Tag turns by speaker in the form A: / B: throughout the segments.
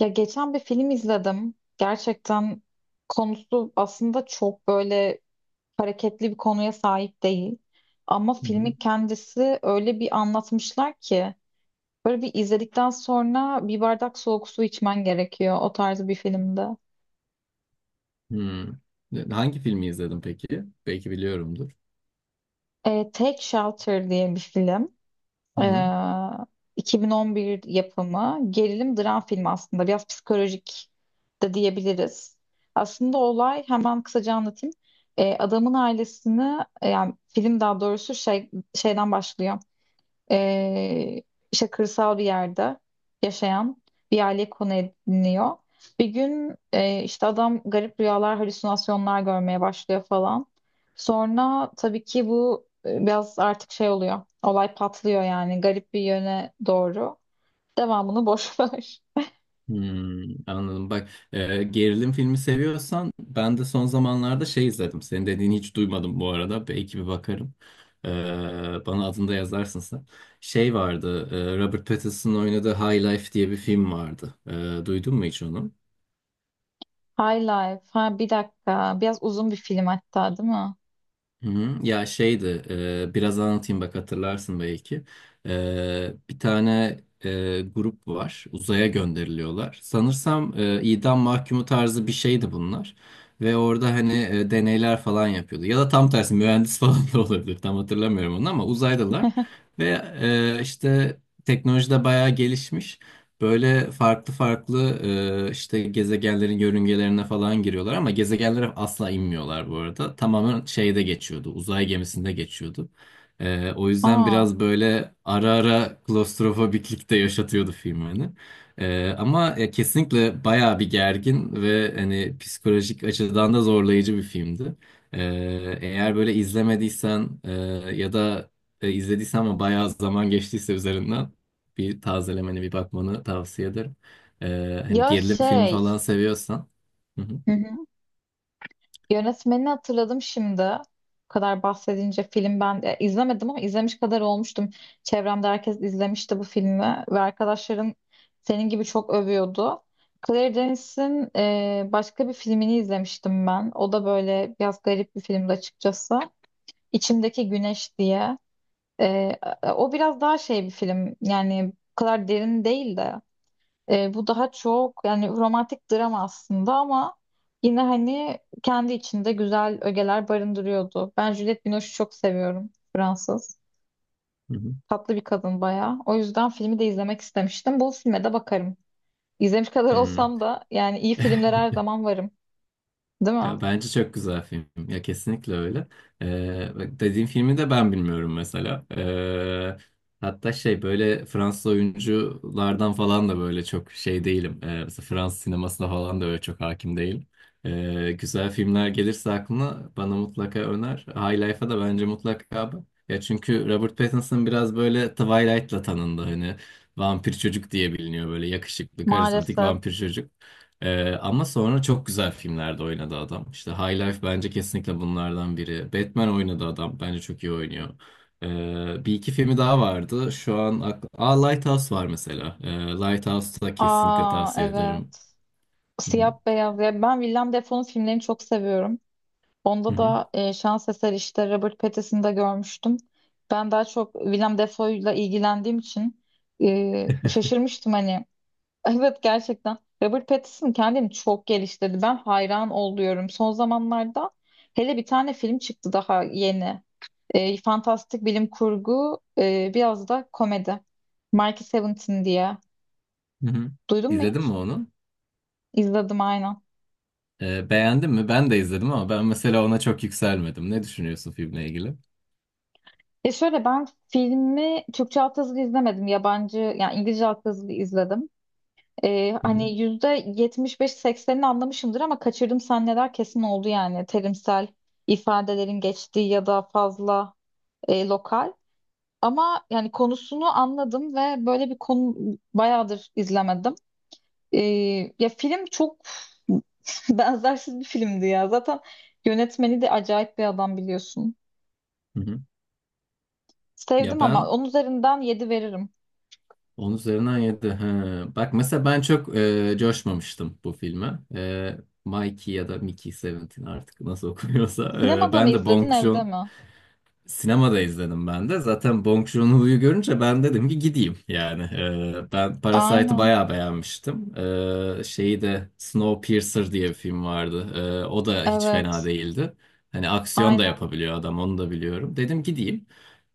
A: Ya geçen bir film izledim. Gerçekten konusu aslında çok böyle hareketli bir konuya sahip değil. Ama
B: Hı hı.
A: filmin kendisi öyle bir anlatmışlar ki böyle bir izledikten sonra bir bardak soğuk su içmen gerekiyor o tarz bir filmde.
B: Hmm. Hangi filmi izledin peki? Belki biliyorumdur.
A: Take Shelter diye bir film.
B: Hı hı.
A: Ee, 2011 yapımı gerilim dram filmi aslında. Biraz psikolojik de diyebiliriz. Aslında olay hemen kısaca anlatayım. Adamın ailesini, yani film daha doğrusu şeyden başlıyor, e, işte kırsal bir yerde yaşayan bir aile konu ediniyor. Bir gün işte adam garip rüyalar, halüsinasyonlar görmeye başlıyor falan. Sonra tabii ki bu biraz artık şey oluyor. Olay patlıyor yani garip bir yöne doğru. Devamını boş ver.
B: Hmm, anladım. Bak, gerilim filmi seviyorsan ben de son zamanlarda şey izledim. Senin dediğini hiç duymadım bu arada. Belki bir bakarım. E, bana adını da yazarsın sen. Şey vardı. Robert Pattinson'ın oynadığı High Life diye bir film vardı. Duydun mu hiç onu?
A: High Life. Ha, bir dakika. Biraz uzun bir film hatta, değil mi?
B: Hı hı. Ya şeydi, biraz anlatayım bak hatırlarsın belki. Bir tane grup var, uzaya gönderiliyorlar. Sanırsam idam mahkumu tarzı bir şeydi bunlar. Ve orada hani deneyler falan yapıyordu. Ya da tam tersi mühendis falan da olabilir, tam hatırlamıyorum onu ama uzaydalar. Ve işte teknoloji de bayağı gelişmiş. Böyle farklı farklı işte gezegenlerin yörüngelerine falan giriyorlar ama gezegenlere asla inmiyorlar bu arada. Tamamen şeyde geçiyordu, uzay gemisinde geçiyordu. O yüzden
A: Aa.
B: biraz böyle ara ara klostrofobiklik de yaşatıyordu film beni. Ama kesinlikle bayağı bir gergin ve hani psikolojik açıdan da zorlayıcı bir filmdi. E, eğer böyle izlemediysen ya da izlediysen ama bayağı zaman geçtiyse üzerinden bir tazelemeni bir bakmanı tavsiye ederim. Hani
A: Ya
B: gerilim filmi
A: şey.
B: falan seviyorsan. Hı hı,
A: Yönetmenini hatırladım şimdi. Bu kadar bahsedince film, ben izlemedim ama izlemiş kadar olmuştum. Çevremde herkes izlemişti bu filmi ve arkadaşların senin gibi çok övüyordu. Claire Denis'in başka bir filmini izlemiştim ben. O da böyle biraz garip bir filmdi açıkçası. İçimdeki Güneş diye. E, O biraz daha şey bir film. Yani bu kadar derin değil de. Bu daha çok yani romantik drama aslında, ama yine hani kendi içinde güzel ögeler barındırıyordu. Ben Juliette Binoche'u çok seviyorum. Fransız.
B: hı hı.
A: Tatlı bir kadın bayağı. O yüzden filmi de izlemek istemiştim. Bu filme de bakarım. İzlemiş kadar
B: Hmm.
A: olsam da yani iyi filmlere her zaman varım. Değil mi?
B: Ya bence çok güzel film. Ya kesinlikle öyle. Bak dediğim filmi de ben bilmiyorum mesela. Hatta şey böyle Fransız oyunculardan falan da böyle çok şey değilim. Mesela Fransız sinemasına falan da öyle çok hakim değilim. Güzel filmler gelirse aklına bana mutlaka öner. High Life'a da bence mutlaka bak. Ya çünkü Robert Pattinson biraz böyle Twilight'la tanındı hani. Vampir çocuk diye biliniyor böyle yakışıklı, karizmatik
A: Maalesef.
B: vampir çocuk. Ama sonra çok güzel filmlerde oynadı adam. İşte High Life bence kesinlikle bunlardan biri. Batman oynadı adam. Bence çok iyi oynuyor. Bir iki filmi daha vardı. Şu an Aa, Lighthouse var mesela. Lighthouse'u da kesinlikle
A: Aa,
B: tavsiye
A: evet.
B: ederim. Hı
A: Siyah
B: hı.
A: beyaz. Ya ben Willem Dafoe'nun filmlerini çok seviyorum.
B: Hı
A: Onda
B: hı.
A: da şans eseri işte Robert Pattinson'ı da görmüştüm. Ben daha çok Willem Dafoe'yla ilgilendiğim için şaşırmıştım hani. Evet, gerçekten Robert Pattinson kendini çok geliştirdi. Ben hayran oluyorum. Son zamanlarda hele bir tane film çıktı daha yeni. Fantastik bilim kurgu, biraz da komedi. Mickey Seventeen diye.
B: Hı hı.
A: Duydun mu
B: İzledin mi
A: hiç?
B: onu?
A: İzledim aynen.
B: Beğendin mi? Ben de izledim ama ben mesela ona çok yükselmedim. Ne düşünüyorsun filmle ilgili?
A: Şöyle, ben filmi Türkçe altyazılı izlemedim. Yabancı, yani İngilizce altyazılı izledim.
B: Hı hı.
A: Hani %75 80'ini anlamışımdır ama kaçırdım, sahneler kesin oldu yani terimsel ifadelerin geçtiği ya da fazla lokal. Ama yani konusunu anladım ve böyle bir konu bayağıdır izlemedim. Ee, Ya film çok benzersiz bir filmdi ya. Zaten yönetmeni de acayip bir adam, biliyorsun.
B: Hı hı. Ya
A: Sevdim ama
B: ben
A: onun üzerinden yedi veririm.
B: 10 üzerinden 7. He. Bak mesela ben çok coşmamıştım bu filme. Mikey ya da Mickey Seventeen artık nasıl okunuyorsa. E,
A: Sinemada mı
B: ben de
A: izledin,
B: Bong
A: evde
B: Joon
A: mi?
B: Sinemada izledim ben de. Zaten Bong Joon-ho'yu görünce ben dedim ki gideyim yani. Ben Parasite'ı
A: Aynen.
B: bayağı beğenmiştim. Şeyi de Snowpiercer diye bir film vardı. O da hiç fena
A: Evet.
B: değildi. Hani aksiyon da
A: Aynen.
B: yapabiliyor adam onu da biliyorum. Dedim gideyim.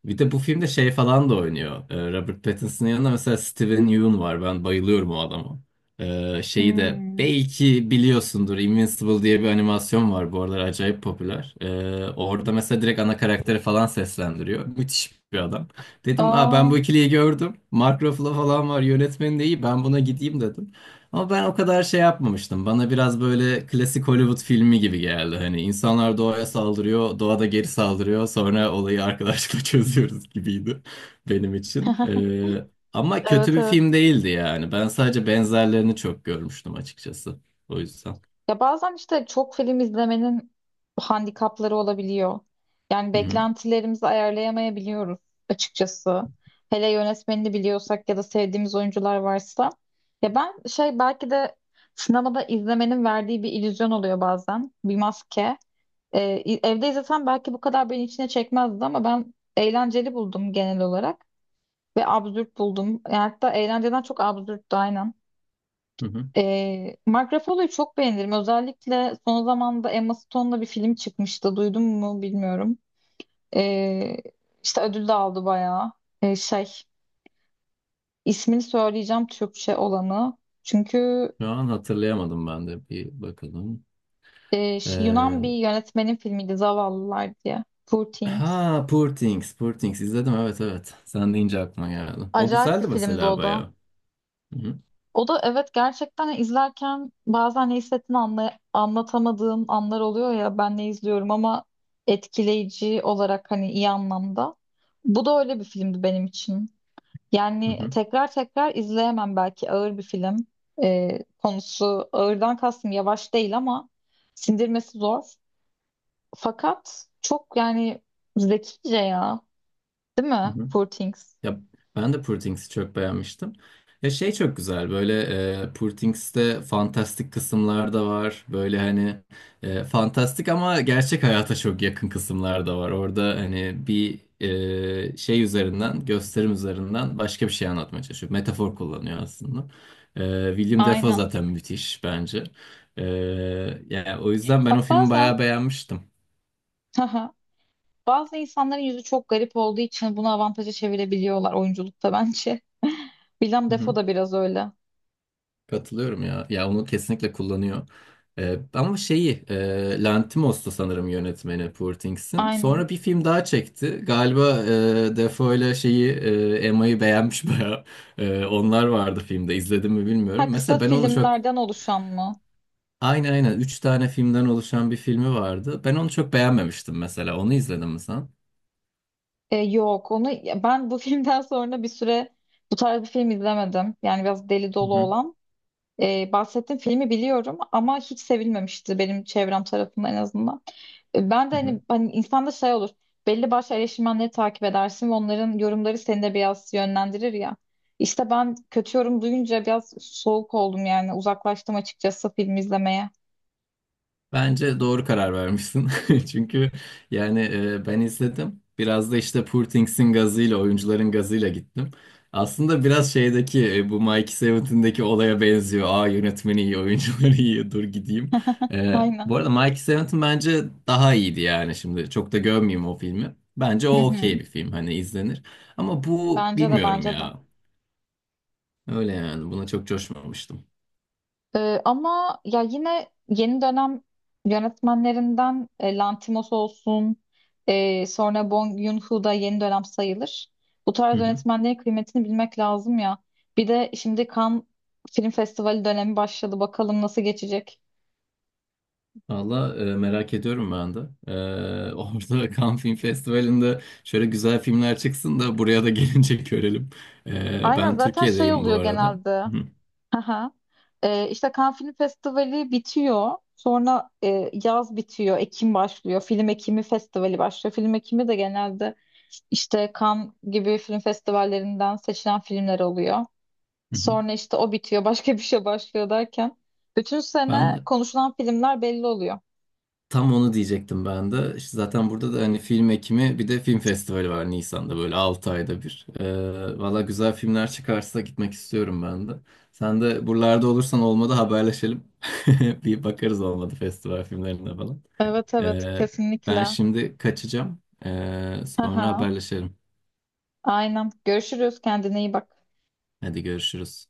B: Bir de bu filmde şey falan da oynuyor. Robert Pattinson'ın yanında mesela Steven Yeun var. Ben bayılıyorum o adama. Şeyi de
A: Hmm.
B: belki biliyorsundur Invincible diye bir animasyon var bu aralar acayip popüler. Orada mesela direkt ana karakteri falan seslendiriyor. Müthiş bir adam. Dedim Aa, ben
A: Aa.
B: bu ikiliyi gördüm. Mark Ruffalo falan var, yönetmeni de iyi, ben buna gideyim dedim. Ama ben o kadar şey yapmamıştım. Bana biraz böyle klasik Hollywood filmi gibi geldi. Hani insanlar doğaya saldırıyor, doğa da geri saldırıyor. Sonra olayı arkadaşlıkla çözüyoruz gibiydi benim için. Ama kötü
A: Evet,
B: bir
A: evet.
B: film değildi yani. Ben sadece benzerlerini çok görmüştüm açıkçası. O yüzden.
A: Ya bazen işte çok film izlemenin handikapları olabiliyor. Yani
B: Hı hı.
A: beklentilerimizi ayarlayamayabiliyoruz açıkçası. Hele yönetmenini biliyorsak ya da sevdiğimiz oyuncular varsa. Ya ben şey, belki de sinemada izlemenin verdiği bir illüzyon oluyor bazen. Bir maske. Evde izlesem belki bu kadar beni içine çekmezdi, ama ben eğlenceli buldum genel olarak. Ve absürt buldum. Yani hatta eğlenceden çok absürttü aynen.
B: Hı hı.
A: Mark Ruffalo'yu çok beğenirim. Özellikle son zamanda Emma Stone'la bir film çıkmıştı. Duydun mu bilmiyorum. Ee, işte ödül de aldı bayağı. Ee, şey, ismini söyleyeceğim Türkçe olanı. Çünkü
B: Şu an hatırlayamadım ben de. Bir bakalım.
A: Yunan bir
B: Ee,
A: yönetmenin filmiydi, Zavallılar diye. Poor Things.
B: ha Poor Things. Poor Things izledim. Evet, evet. Sen deyince aklıma geldi. O
A: Acayip bir
B: güzeldi
A: filmdi
B: mesela
A: o da.
B: bayağı. Hı hı.
A: O da, evet, gerçekten izlerken bazen ne hissettiğini anlatamadığım anlar oluyor, ya ben ne izliyorum, ama etkileyici olarak hani, iyi anlamda. Bu da öyle bir filmdi benim için.
B: Hı
A: Yani
B: hı.
A: tekrar tekrar izleyemem, belki ağır bir film. Konusu ağırdan kastım yavaş değil, ama sindirmesi zor. Fakat çok yani zekice ya. Değil
B: Hı
A: mi?
B: hı.
A: Poor Things.
B: Ya ben de Poor Things'i çok beğenmiştim. Ya şey çok güzel böyle Poor Things'te fantastik kısımlar da var. Böyle hani fantastik ama gerçek hayata çok yakın kısımlar da var. Orada hani bir şey üzerinden, gösterim üzerinden başka bir şey anlatmaya çalışıyor. Metafor kullanıyor aslında. William Dafoe
A: Aynen.
B: zaten müthiş bence. E, yani o yüzden ben o
A: Bak,
B: filmi
A: bazen
B: bayağı beğenmiştim.
A: bazı insanların yüzü çok garip olduğu için bunu avantaja çevirebiliyorlar oyunculukta, bence. Willem
B: Hı
A: Dafoe
B: hı.
A: da biraz öyle.
B: Katılıyorum ya. Ya onu kesinlikle kullanıyor. Ama şeyi Lanthimos'tu sanırım yönetmeni Poor Things'in.
A: Aynen.
B: Sonra bir film daha çekti. Galiba Defoe ile şeyi Emma'yı beğenmiş bayağı. Onlar vardı filmde. İzledim mi bilmiyorum.
A: Ha, kısa
B: Mesela ben onu çok,
A: filmlerden oluşan mı?
B: aynı aynen 3 tane filmden oluşan bir filmi vardı. Ben onu çok beğenmemiştim mesela. Onu izledin mi sen?
A: Yok, onu ben bu filmden sonra bir süre bu tarz bir film izlemedim. Yani biraz deli
B: Hı
A: dolu
B: hı.
A: olan. Bahsettiğim filmi biliyorum ama hiç sevilmemişti, benim çevrem tarafından en azından. Ben de
B: Hı hı.
A: hani, insanda şey olur. Belli başlı eleştirmenleri takip edersin ve onların yorumları seni de biraz yönlendirir ya. İşte ben kötü yorum duyunca biraz soğuk oldum, yani uzaklaştım açıkçası film izlemeye.
B: Bence doğru karar vermişsin. Çünkü yani ben izledim. Biraz da işte Poor Things'in gazıyla, oyuncuların gazıyla gittim. Aslında biraz şeydeki bu Mikey Seven'tindeki olaya benziyor. Aa, yönetmeni iyi, oyuncuları iyi, dur gideyim. E,
A: Aynen.
B: bu arada Mikey Seven'tin bence daha iyiydi yani şimdi. Çok da gömmeyeyim o filmi. Bence
A: Hı
B: o
A: hı.
B: okey bir film, hani izlenir. Ama bu
A: Bence de,
B: bilmiyorum
A: bence de.
B: ya. Öyle yani, buna çok coşmamıştım.
A: Ama ya yine yeni dönem yönetmenlerinden, Lantimos olsun, sonra Bong Joon-ho da yeni dönem sayılır. Bu tarz yönetmenlerin kıymetini bilmek lazım ya. Bir de şimdi Cannes Film Festivali dönemi başladı. Bakalım nasıl geçecek.
B: Valla merak ediyorum ben de. Orada Cannes Film Festivali'nde şöyle güzel filmler çıksın da buraya da gelince görelim. E,
A: Aynen,
B: ben
A: zaten şey
B: Türkiye'deyim bu
A: oluyor
B: arada.
A: genelde.
B: Hı.
A: Aha. İşte Cannes Film Festivali bitiyor. Sonra yaz bitiyor. Ekim başlıyor. Film Ekimi Festivali başlıyor. Film Ekimi de genelde işte Cannes gibi film festivallerinden seçilen filmler oluyor.
B: Hı hı.
A: Sonra işte o bitiyor. Başka bir şey başlıyor derken. Bütün sene
B: Ben
A: konuşulan filmler belli oluyor.
B: tam onu diyecektim ben de. İşte zaten burada da hani Film Ekimi bir de film festivali var Nisan'da, böyle 6 ayda bir. Valla güzel filmler çıkarsa gitmek istiyorum ben de. Sen de buralarda olursan olmadı haberleşelim. Bir bakarız olmadı festival filmlerine falan.
A: Evet, evet,
B: Ee, ben
A: kesinlikle.
B: şimdi kaçacağım. Sonra
A: Aha.
B: haberleşelim.
A: Aynen. Görüşürüz. Kendine iyi bak.
B: Hadi, görüşürüz.